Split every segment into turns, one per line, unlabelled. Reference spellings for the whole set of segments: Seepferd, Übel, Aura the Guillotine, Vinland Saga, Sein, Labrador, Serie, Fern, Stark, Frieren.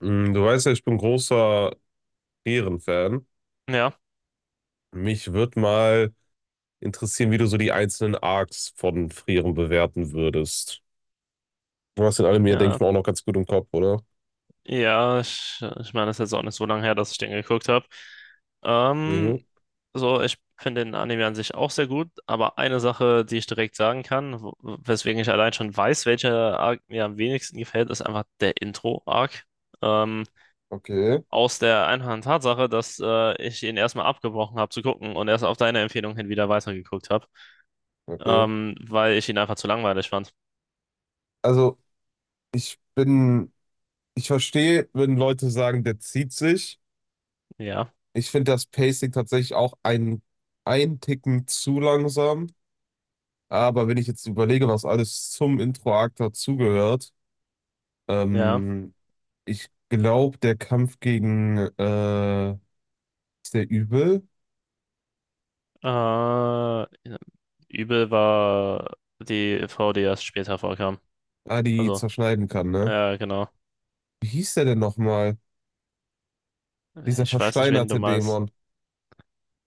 Du weißt ja, ich bin großer Frieren-Fan.
Ja,
Mich würde mal interessieren, wie du so die einzelnen Arcs von Frieren bewerten würdest. Du hast in allem hier denke
ja,
ich mal, auch noch ganz gut im Kopf, oder?
ja, ich meine, das ist jetzt auch nicht so lange her, dass ich den geguckt habe. Ähm,
Mhm.
so, ich finde den Anime an sich auch sehr gut, aber eine Sache, die ich direkt sagen kann, weswegen ich allein schon weiß, welcher Arc mir am wenigsten gefällt, ist einfach der Intro-Arc. Ähm,
Okay,
Aus der einfachen Tatsache, dass ich ihn erstmal abgebrochen habe zu gucken und erst auf deine Empfehlung hin wieder weitergeguckt habe,
okay.
weil ich ihn einfach zu langweilig fand.
Also, ich bin, ich verstehe, wenn Leute sagen, der zieht sich.
Ja,
Ich finde das Pacing tatsächlich auch ein Ticken zu langsam. Aber wenn ich jetzt überlege, was alles zum Intro-Arc dazugehört.
ja.
ähm, Ich glaube, der Kampf gegen, ist der Übel,
Äh, Übel war die Frau, die erst später vorkam.
die
Also,
zerschneiden kann, ne?
ja, genau.
Wie hieß der denn nochmal? Dieser
Ich weiß nicht, wen du
versteinerte
meinst.
Dämon.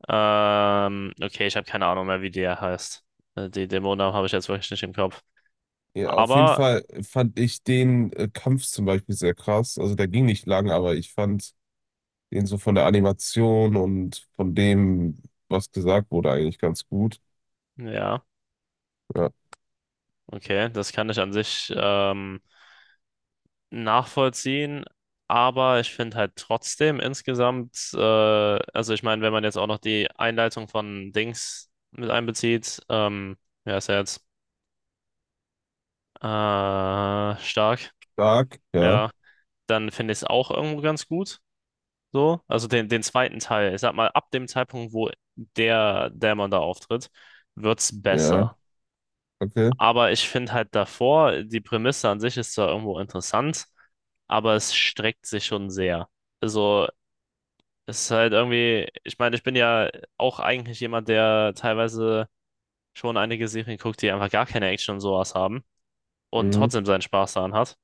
Okay, ich habe keine Ahnung mehr, wie der heißt. Die Dämonen habe ich jetzt wirklich nicht im Kopf.
Ja, auf jeden
Aber
Fall fand ich den Kampf zum Beispiel sehr krass. Also der ging nicht lang, aber ich fand den so von der Animation und von dem, was gesagt wurde, eigentlich ganz gut.
ja,
Ja.
okay, das kann ich an sich nachvollziehen. Aber ich finde halt trotzdem insgesamt, also ich meine, wenn man jetzt auch noch die Einleitung von Dings mit einbezieht, ja, ist ja jetzt äh, stark.
Stark, ja,
Ja, dann finde ich es auch irgendwo ganz gut. So, also den zweiten Teil. Ich sag mal, ab dem Zeitpunkt, wo der Dämon da auftritt, wird's
ja,
besser.
okay.
Aber ich finde halt davor, die Prämisse an sich ist zwar irgendwo interessant, aber es streckt sich schon sehr. Also, es ist halt irgendwie, ich meine, ich bin ja auch eigentlich jemand, der teilweise schon einige Serien guckt, die einfach gar keine Action und sowas haben und
Mhm.
trotzdem seinen Spaß daran hat.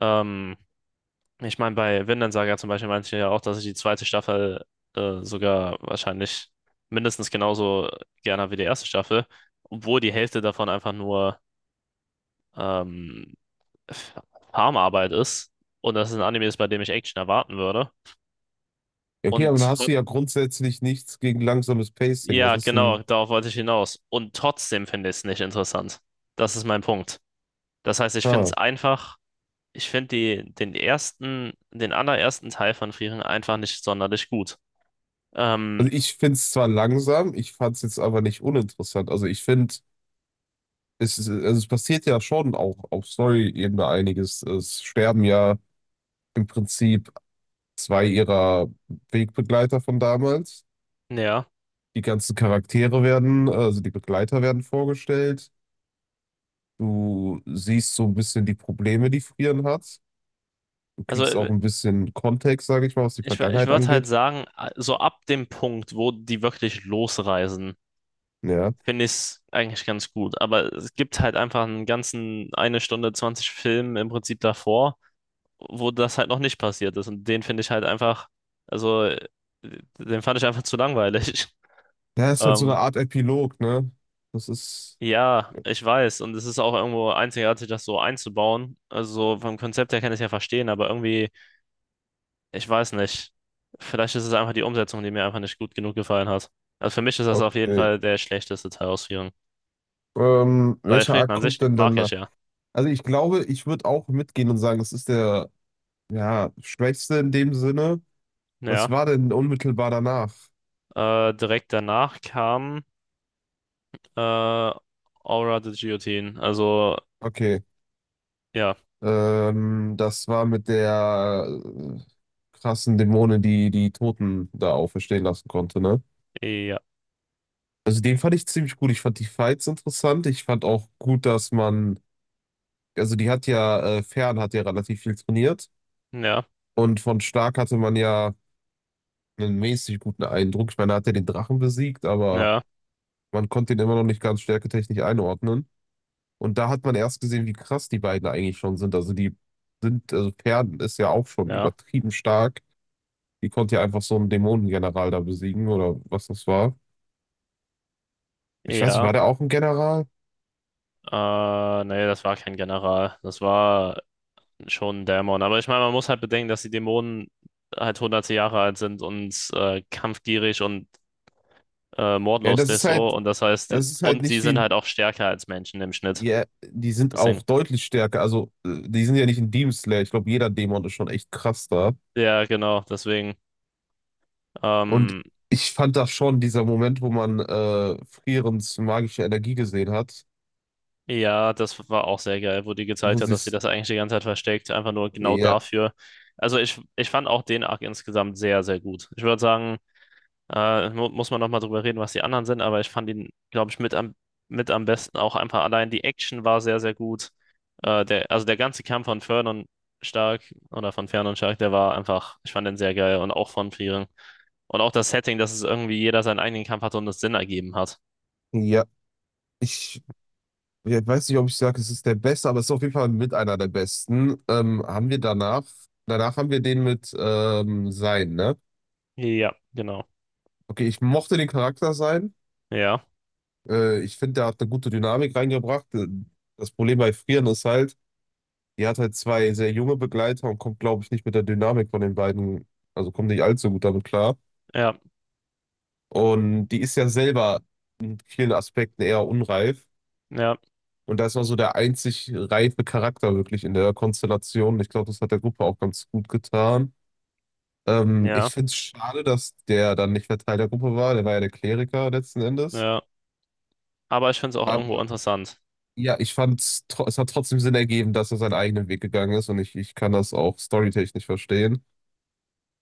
Ähm, Ich meine, bei Vinland Saga zum Beispiel meinte ich ja auch, dass ich die zweite Staffel sogar wahrscheinlich mindestens genauso gerne habe wie die erste Staffel, obwohl die Hälfte davon einfach nur ähm, Farmarbeit ist und das ein Anime ist, bei dem ich Action erwarten würde.
Ja, okay,
Und
aber da hast
tr-
du ja grundsätzlich nichts gegen langsames Pacing. Was
ja,
ist
genau,
denn?
darauf wollte ich hinaus. Und trotzdem finde ich es nicht interessant. Das ist mein Punkt. Das heißt, ich finde es
Ah.
einfach, ich finde den ersten, den allerersten Teil von Frieren einfach nicht sonderlich gut. Ähm,
Also ich finde es zwar langsam, ich fand es jetzt aber nicht uninteressant. Also ich finde, also es passiert ja schon auch auf Story-Ebene einiges. Es sterben ja im Prinzip zwei ihrer Wegbegleiter von damals.
ja.
Die ganzen Charaktere werden, also die Begleiter werden vorgestellt. Du siehst so ein bisschen die Probleme, die Frieren hat. Du
Also
kriegst auch ein bisschen Kontext, sage ich mal, was die
ich
Vergangenheit
würde halt
angeht.
sagen, so ab dem Punkt, wo die wirklich losreisen,
Ja.
finde ich es eigentlich ganz gut. Aber es gibt halt einfach einen ganzen eine Stunde 20 Film im Prinzip davor, wo das halt noch nicht passiert ist. Und den finde ich halt einfach, also den fand ich einfach zu langweilig.
Ja, ist halt so eine
Ähm,
Art Epilog, ne? Das ist
ja, ich weiß. Und es ist auch irgendwo einzigartig, das so einzubauen. Also vom Konzept her kann ich es ja verstehen, aber irgendwie. Ich weiß nicht. Vielleicht ist es einfach die Umsetzung, die mir einfach nicht gut genug gefallen hat. Also für mich ist das auf jeden
okay.
Fall der schlechteste Teil aus vielen. Weil
Welcher
Frieden
Arc
an sich
kommt denn dann
mag ich
nach?
ja.
Also ich glaube, ich würde auch mitgehen und sagen, das ist der, ja, schwächste in dem Sinne. Was
Ja.
war denn unmittelbar danach?
Direkt danach kam äh, Aura the Guillotine. Also,
Okay.
ja.
Das war mit der, äh, krassen Dämonin, die die Toten da auferstehen lassen konnte, ne?
Ja.
Also den fand ich ziemlich gut. Ich fand die Fights interessant. Ich fand auch gut, dass man, also die hat ja, Fern hat ja relativ viel trainiert.
Ja.
Und von Stark hatte man ja einen mäßig guten Eindruck. Ich meine, er hat ja den Drachen besiegt, aber
Ja.
man konnte ihn immer noch nicht ganz stärketechnisch einordnen. Und da hat man erst gesehen, wie krass die beiden eigentlich schon sind. Also Pferden ist ja auch schon
Ja.
übertrieben stark. Die konnte ja einfach so einen Dämonengeneral da besiegen oder was das war. Ich weiß nicht,
Ja.
war der auch ein General?
Nee, das war kein General. Das war schon ein Dämon. Aber ich meine, man muss halt bedenken, dass die Dämonen halt hunderte Jahre alt sind und kampfgierig und
Ja,
mordlos
das ist
Deso,
halt,
und das heißt,
das ist halt
und sie
nicht wie
sind halt
ein,
auch stärker als Menschen im Schnitt.
ja, die sind
Deswegen,
auch deutlich stärker. Also die sind ja nicht ein Demon Slayer. Ich glaube, jeder Dämon ist schon echt krass da.
ja, genau, deswegen,
Und
ähm,
ich fand das schon, dieser Moment, wo man, Frierens magische Energie gesehen hat,
ja, das war auch sehr geil, wo die
wo
gezeigt hat,
sie
dass sie
es,
das eigentlich die ganze Zeit versteckt, einfach nur genau
ja.
dafür. Also ich fand auch den Arc insgesamt sehr, sehr gut. Ich würde sagen, mu muss man nochmal drüber reden, was die anderen sind, aber ich fand ihn, glaube ich, mit am besten. Auch einfach allein die Action war sehr, sehr gut. Also der ganze Kampf von Stark Fern Stark, der war einfach, ich fand den sehr geil und auch von Frieren. Und auch das Setting, dass es irgendwie jeder seinen eigenen Kampf hatte und es Sinn ergeben hat.
Ja, ich, ja, ich weiß nicht, ob ich sage, es ist der beste, aber es ist auf jeden Fall mit einer der besten. Haben wir danach haben wir den mit, Sein, ne?
Ja, genau.
Okay, ich mochte den Charakter Sein.
Ja,
Ich finde, der hat eine gute Dynamik reingebracht. Das Problem bei Frieren ist halt, die hat halt zwei sehr junge Begleiter und kommt, glaube ich, nicht mit der Dynamik von den beiden, also kommt nicht allzu gut damit klar.
ja,
Und die ist ja selber in vielen Aspekten eher unreif.
ja,
Und da ist noch so der einzig reife Charakter wirklich in der Konstellation. Ich glaube, das hat der Gruppe auch ganz gut getan.
ja,
Ich finde es schade, dass der dann nicht mehr Teil der Gruppe war. Der war ja der Kleriker letzten Endes.
ja. Aber ich finde es auch
Aber
irgendwo interessant.
ja, ich fand es, hat trotzdem Sinn ergeben, dass er seinen eigenen Weg gegangen ist. Und ich kann das auch storytechnisch verstehen.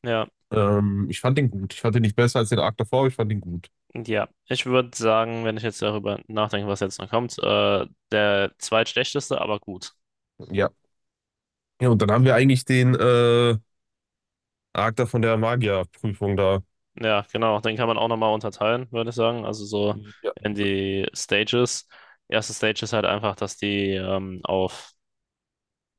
Ja,
Ich fand den gut. Ich fand den nicht besser als den Arc davor, aber ich fand ihn gut.
ja. Ich würde sagen, wenn ich jetzt darüber nachdenke, was jetzt noch kommt, der zweitschlechteste, aber gut.
Ja. Ja, und dann haben wir eigentlich den, Arc da von der Magierprüfung da.
Ja, genau. Den kann man auch nochmal unterteilen, würde ich sagen. Also so
Ja.
in die Stages. Erste Stage ist halt einfach, dass die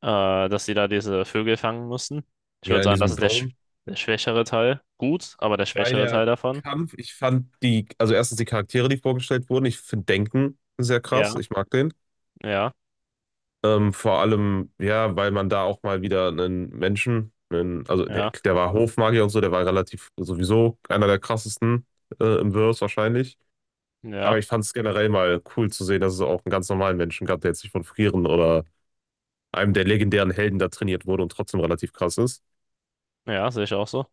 äh, dass die da diese Vögel fangen mussten. Ich würde
Ja, in
sagen, das
diesem
ist
Dome.
der schwächere Teil. Gut, aber der
Bei
schwächere
der
Teil davon.
Kampf, ich fand die, also erstens die Charaktere, die vorgestellt wurden, ich finde Denken sehr krass,
Ja,
ich mag den.
ja,
Vor allem, ja, weil man da auch mal wieder einen Menschen, einen, also der,
ja,
der war Hofmagier und so, der war relativ sowieso einer der krassesten, im Verse wahrscheinlich. Aber
ja,
ich fand es generell mal cool zu sehen, dass es auch einen ganz normalen Menschen gab, der jetzt nicht von Frieren oder einem der legendären Helden da trainiert wurde und trotzdem relativ krass ist.
ja, sehe ich auch so.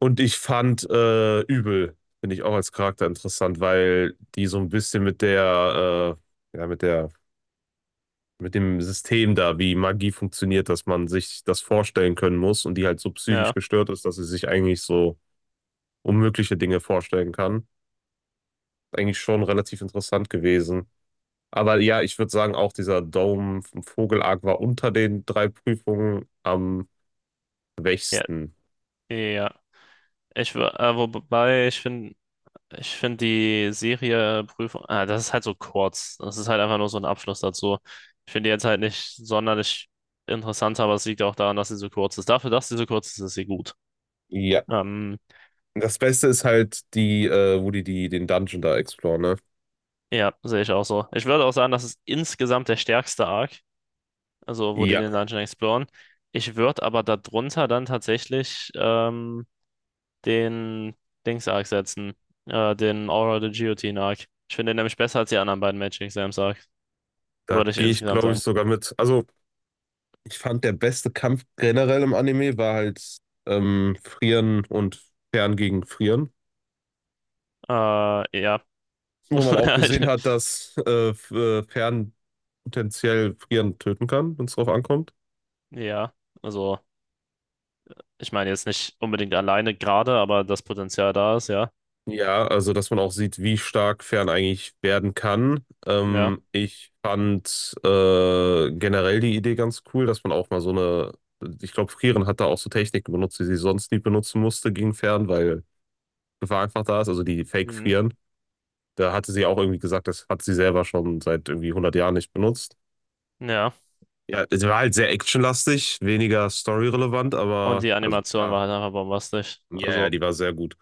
Und ich fand, Übel, finde ich auch als Charakter interessant, weil die so ein bisschen mit der, ja, mit der, mit dem System da, wie Magie funktioniert, dass man sich das vorstellen können muss und die halt so
Ja,
psychisch gestört ist, dass sie sich eigentlich so unmögliche Dinge vorstellen kann. Eigentlich schon relativ interessant gewesen. Aber ja, ich würde sagen, auch dieser Dome vom Vogelarg war unter den drei Prüfungen am
ja,
schwächsten.
ja. Wobei, ich finde die Serie Prüfung, ah, das ist halt so kurz. Das ist halt einfach nur so ein Abschluss dazu. Ich finde die jetzt halt nicht sonderlich interessant, aber es liegt auch daran, dass sie so kurz ist. Dafür, dass sie so kurz ist, ist sie gut.
Ja.
Ähm,
Das Beste ist halt die, wo die, die den Dungeon da exploren, ne?
ja, sehe ich auch so. Ich würde auch sagen, das ist insgesamt der stärkste Arc, also wo die
Ja.
den Dungeon exploren. Ich würde aber darunter dann tatsächlich den Dings-Arc setzen, den Aura the Guillotine-Arc. Ich finde den nämlich besser als die anderen beiden Magic Exams-Arc,
Da
würde ich
gehe ich,
insgesamt
glaube ich,
sagen.
sogar mit. Also, ich fand, der beste Kampf generell im Anime war halt, Frieren und Fern gegen Frieren,
Äh, ja,
wo man auch gesehen hat, dass Fern potenziell Frieren töten kann, wenn es drauf ankommt.
ja, also ich meine jetzt nicht unbedingt alleine gerade, aber das Potenzial da ist, ja.
Ja, also, dass man auch sieht, wie stark Fern eigentlich werden kann.
Ja.
Ich fand, generell die Idee ganz cool, dass man auch mal so eine. Ich glaube, Frieren hat da auch so Techniken benutzt, die sie sonst nie benutzen musste gegen Fern, weil Gefahr einfach da ist, also die
Mhm.
Fake-Frieren. Da hatte sie auch irgendwie gesagt, das hat sie selber schon seit irgendwie 100 Jahren nicht benutzt.
Ja.
Ja, sie war halt sehr actionlastig, weniger storyrelevant,
Und
aber
die
also
Animation
klar,
war halt einfach bombastisch.
ja, ja,
Also,
die war sehr gut.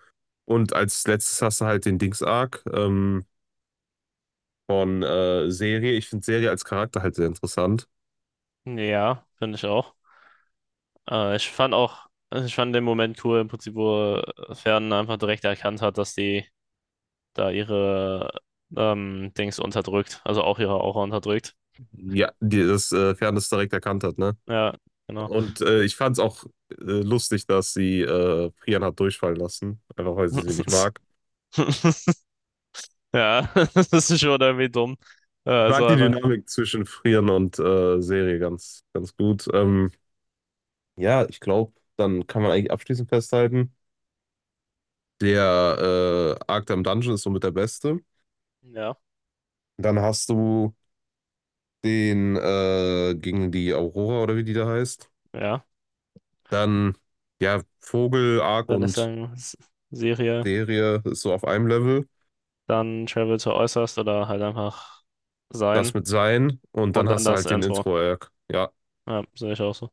Und als letztes hast du halt den Dings-Arc, von, Serie. Ich finde Serie als Charakter halt sehr interessant.
ja, finde ich auch. Ich fand auch, ich fand den Moment cool, im Prinzip, wo Fern einfach direkt erkannt hat, dass die da ihre Dings unterdrückt, also auch ihre Aura unterdrückt.
Ja, die das, Fairness direkt erkannt hat, ne?
Ja, genau.
Und ich fand es auch, lustig, dass sie, Frian hat durchfallen lassen, einfach weil sie sie nicht mag.
Ja, das ist schon irgendwie dumm.
Ich
Also
mag die
einfach,
Dynamik zwischen Frieren und, Serie ganz, ganz gut. Ja, ich glaube, dann kann man eigentlich abschließend festhalten, der, Arkham Dungeon ist somit der beste.
ja,
Dann hast du den, gegen die Aurora oder wie die da heißt.
ja.
Dann, ja, Vogel, Ark
Wenn es
und
sagen, Serie,
Derie ist so auf einem Level.
dann Travel to Äußerst oder halt einfach Sein
Das mit Sein und
und
dann
dann
hast du
das
halt den
Intro.
Intro-Arc. Ja.
Ja, sehe ich auch so.